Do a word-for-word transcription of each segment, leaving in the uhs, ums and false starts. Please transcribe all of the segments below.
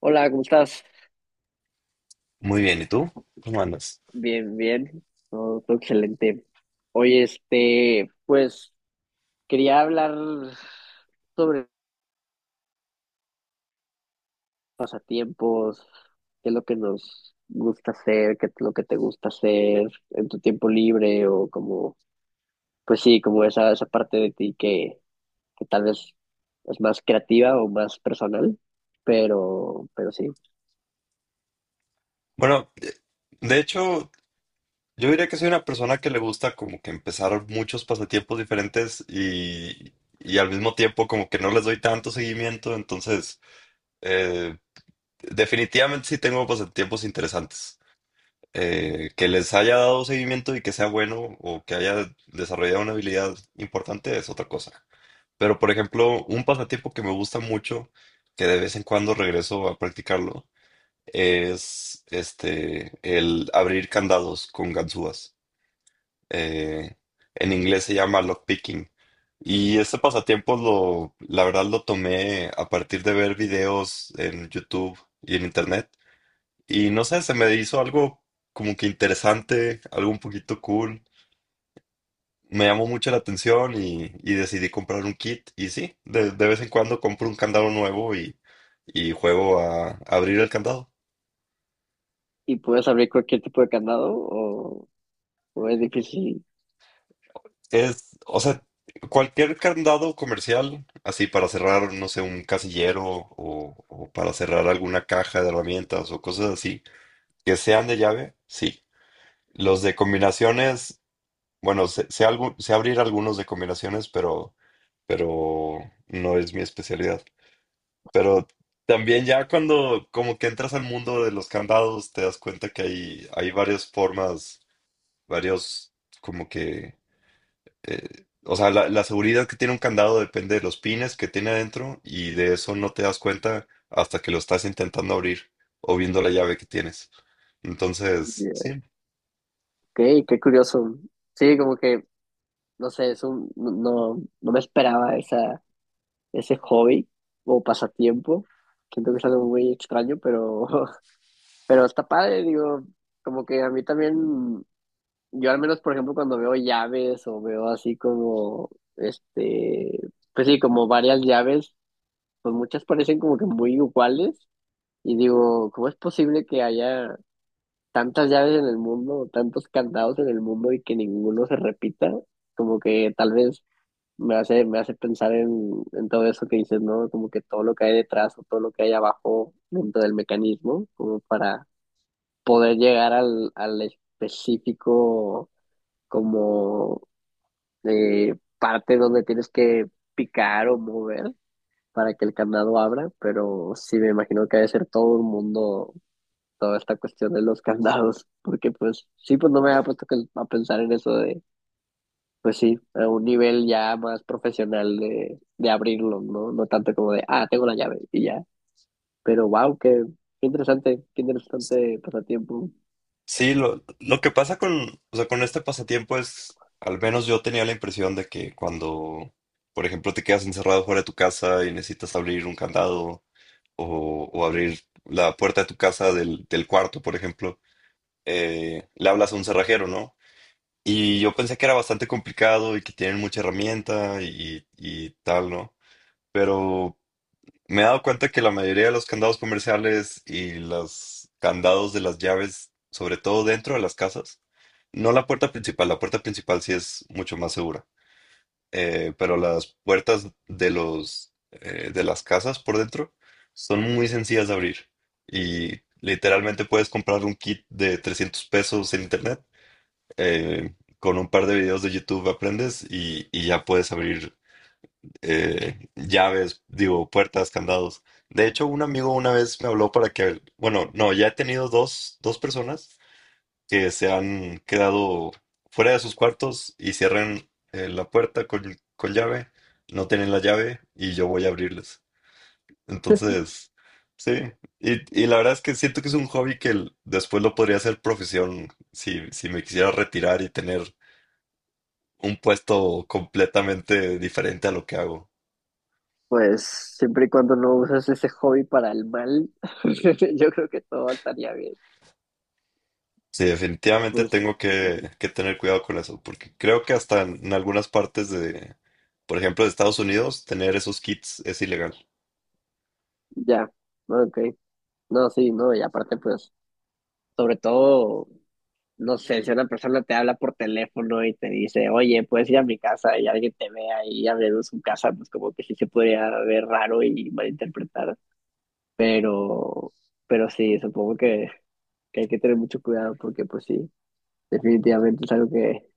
Hola, ¿cómo estás? Muy bien, ¿y tú? ¿Cómo andas? Bien, bien. Todo, todo excelente. Oye, este, pues quería hablar sobre pasatiempos, qué es lo que nos gusta hacer, qué es lo que te gusta hacer en tu tiempo libre o como, pues sí, como esa, esa parte de ti que, que tal vez es más creativa o más personal, pero, pero sí. Bueno, de hecho, yo diría que soy una persona que le gusta como que empezar muchos pasatiempos diferentes y, y al mismo tiempo como que no les doy tanto seguimiento. Entonces eh, definitivamente sí tengo pasatiempos interesantes. Eh, que les haya dado seguimiento y que sea bueno o que haya desarrollado una habilidad importante es otra cosa. Pero, por ejemplo, un pasatiempo que me gusta mucho, que de vez en cuando regreso a practicarlo, es este el abrir candados con ganzúas. Eh, en inglés se llama lockpicking. Y ese pasatiempo lo, la verdad lo tomé a partir de ver videos en YouTube y en internet. Y no sé, se me hizo algo como que interesante, algo un poquito cool. Me llamó mucho la atención y, y decidí comprar un kit. Y sí, de, de vez en cuando compro un candado nuevo y, y juego a abrir el candado. ¿Y puedes abrir cualquier tipo de candado o, o es difícil? Es, o sea, cualquier candado comercial, así para cerrar, no sé, un casillero o, o para cerrar alguna caja de herramientas o cosas así, que sean de llave, sí. Los de combinaciones, bueno, sé, sé algo- sé abrir algunos de combinaciones, pero, pero no es mi especialidad. Pero también ya cuando como que entras al mundo de los candados, te das cuenta que hay, hay varias formas, varios como que eh, o sea, la, la seguridad que tiene un candado depende de los pines que tiene adentro y de eso no te das cuenta hasta que lo estás intentando abrir o viendo la llave que tienes. Entonces, sí, Ok, qué curioso. Sí, como que no sé, es un, no, no no me esperaba esa, ese hobby o pasatiempo. Siento que es algo muy extraño, pero, pero está padre, digo, como que a mí también, yo al menos, por ejemplo, cuando veo llaves o veo así como, este, pues sí, como varias llaves, pues muchas parecen como que muy iguales y digo, ¿cómo es posible que haya tantas llaves en el mundo, tantos candados en el mundo y que ninguno se repita? Como que tal vez me hace, me hace pensar en, en todo eso que dices, ¿no? Como que todo lo que hay detrás o todo lo que hay abajo dentro del mecanismo, como para poder llegar al, al específico como eh, parte donde tienes que picar o mover para que el candado abra, pero sí me imagino que debe ser todo un mundo, toda esta cuestión de los candados, porque pues sí, pues no me había puesto que- a pensar en eso de pues sí, a un nivel ya más profesional de, de abrirlo, ¿no? No tanto como de, ah, tengo la llave y ya. Pero wow, qué, qué interesante, qué interesante pasatiempo. sí, lo, lo que pasa con, o sea, con este pasatiempo es, al menos yo tenía la impresión de que cuando, por ejemplo, te quedas encerrado fuera de tu casa y necesitas abrir un candado o, o abrir la puerta de tu casa del, del cuarto. Por ejemplo, eh, le hablas a un cerrajero, ¿no? Y yo pensé que era bastante complicado y que tienen mucha herramienta y, y tal, ¿no? Pero me he dado cuenta que la mayoría de los candados comerciales y los candados de las llaves, sobre todo dentro de las casas, no la puerta principal, la puerta principal sí es mucho más segura, eh, pero las puertas de los, eh, de las casas por dentro son muy sencillas de abrir y literalmente puedes comprar un kit de trescientos pesos en internet, eh, con un par de videos de YouTube aprendes y, y ya puedes abrir eh, llaves, digo, puertas, candados. De hecho, un amigo una vez me habló para que, bueno, no, ya he tenido dos, dos personas que se han quedado fuera de sus cuartos y cierran eh, la puerta con, con llave, no tienen la llave y yo voy a abrirles. Entonces, sí, y, y la verdad es que siento que es un hobby que l- después lo podría hacer profesión si, si me quisiera retirar y tener un puesto completamente diferente a lo que hago. Pues siempre y cuando no usas ese hobby para el mal, yo creo que todo estaría bien. Sí, definitivamente Pues tengo que, que tener cuidado con eso, porque creo que hasta en, en algunas partes de, por ejemplo, de Estados Unidos, tener esos kits es ilegal. ya, ok. No, sí, no, y aparte pues, sobre todo no sé, si una persona te habla por teléfono y te dice, oye, puedes ir a mi casa y alguien te vea y abriendo su casa, pues como que sí se podría ver raro y malinterpretar. Pero, pero sí, supongo que, que hay que tener mucho cuidado porque pues sí, definitivamente es algo que,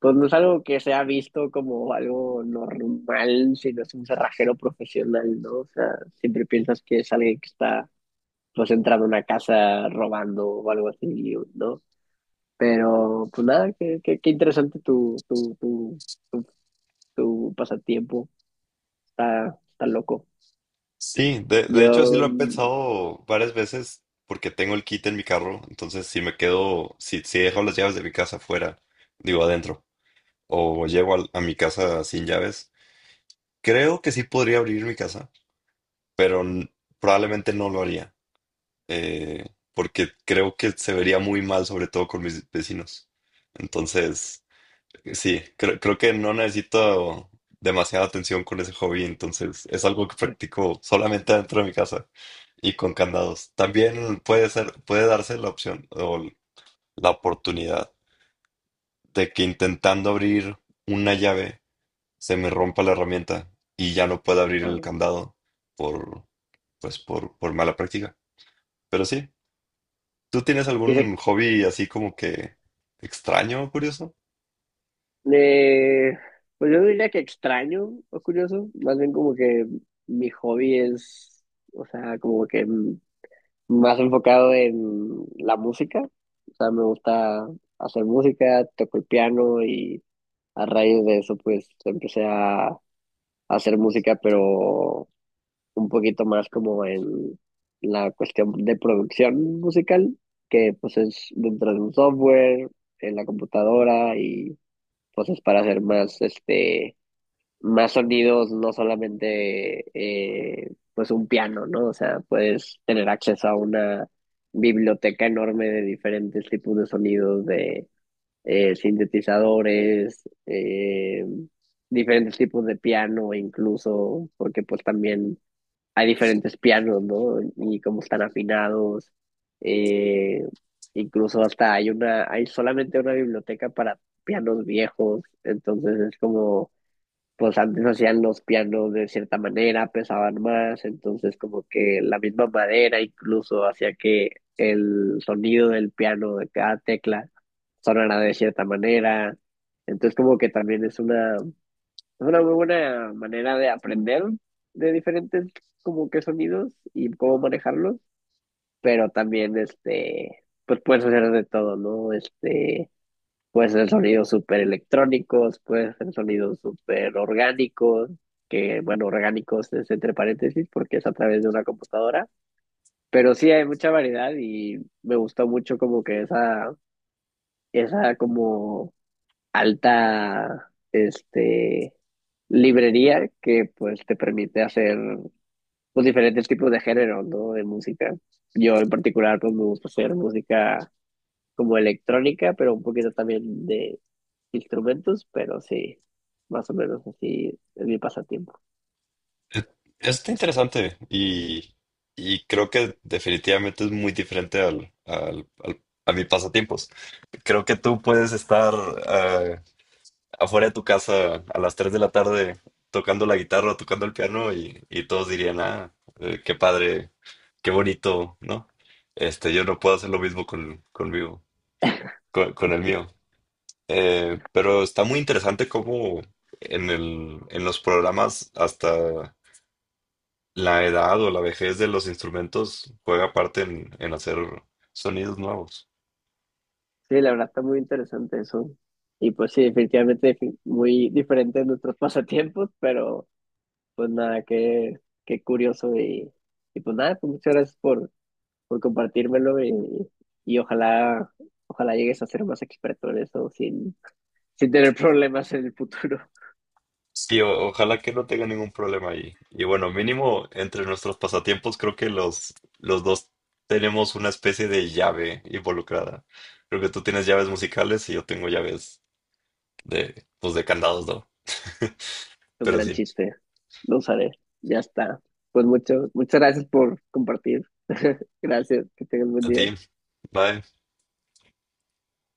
pues no es algo que se ha visto como algo normal, sino es un cerrajero profesional, ¿no? O sea, siempre piensas que es alguien que está pues entrando a una casa robando o algo así, ¿no? Pero, pues nada, qué, qué, qué interesante tu, tu, tu, tu, tu pasatiempo. Está, está loco. Sí, de, de hecho sí Yo, lo he mm, pensado varias veces porque tengo el kit en mi carro. Entonces si me quedo, si, si dejo las llaves de mi casa afuera, digo adentro, o llego al- a, mi casa sin llaves, creo que sí podría abrir mi casa, pero n- probablemente no lo haría. eh, Porque creo que se vería muy mal, sobre todo con mis vecinos. Entonces, sí, creo, creo que no necesito demasiada atención con ese hobby, entonces es algo que practico solamente dentro de mi casa y con candados. También puede ser, puede darse la opción o la oportunidad de que intentando abrir una llave se me rompa la herramienta y ya no pueda abrir ah, el candado por, pues, por, por mala práctica. Pero sí. ¿Tú tienes y algún hobby así como que extraño o curioso? eh, pues yo no diría que extraño o curioso, más bien como que mi hobby es, o sea, como que mm, más enfocado en la música. O sea, me gusta hacer música, toco el piano y a raíz de eso, pues empecé a hacer música, pero un poquito más como en la cuestión de producción musical, que pues es dentro de un software, en la computadora y pues es para hacer más, este, más sonidos, no solamente eh, pues un piano, ¿no? O sea, puedes tener acceso a una biblioteca enorme de diferentes tipos de sonidos, de eh, sintetizadores, eh, diferentes tipos de piano incluso, porque pues también hay diferentes pianos, ¿no? Y cómo están afinados. eh, Incluso hasta hay una, hay solamente una biblioteca para pianos viejos. Entonces es como, pues antes hacían los pianos de cierta manera, pesaban más. Entonces como que la misma madera incluso hacía que el sonido del piano de cada tecla sonara de cierta manera. Entonces como que también es una es una muy buena manera de aprender de diferentes como que sonidos y cómo manejarlos, pero también este, pues puedes hacer de todo, ¿no? Este, puedes hacer sonidos súper electrónicos, puedes hacer sonidos súper orgánicos, que bueno, orgánicos es entre paréntesis porque es a través de una computadora, pero sí hay mucha variedad y me gustó mucho como que esa, esa como alta este, librería que pues te permite hacer pues, diferentes tipos de género, ¿no? De música. Yo en particular pues me gusta hacer música como electrónica, pero un poquito también de instrumentos, pero sí, más o menos así es mi pasatiempo. Está interesante y, y creo que definitivamente es muy diferente al, al- al- a mis pasatiempos. Creo que tú puedes estar eh, afuera de tu casa a las tres de la tarde tocando la guitarra o tocando el piano y, y todos dirían, ah, eh, qué padre, qué bonito, ¿no? Este, yo no puedo hacer lo mismo con, conmigo, con, con el mío. Eh, pero está muy interesante cómo en el, en los programas hasta la edad o la vejez de los instrumentos juega parte en, en hacer sonidos nuevos. Sí, la verdad está muy interesante eso. Y pues sí, definitivamente difi- muy diferente de nuestros pasatiempos, pero pues nada, qué, qué curioso y, y pues nada, pues muchas gracias por por compartírmelo y, y ojalá, ojalá llegues a ser más experto en eso sin, sin tener problemas en el futuro. Sí, o- ojalá que no tenga ningún problema ahí. Y bueno, mínimo entre nuestros pasatiempos creo que los, los dos tenemos una especie de llave involucrada. Creo que tú tienes llaves musicales y yo tengo llaves de, pues de candados, ¿no? Un Pero gran sí, chiste. Lo usaré. Ya está. Pues mucho, muchas gracias por compartir. Gracias. Que tengas buen a ti. día. Bye.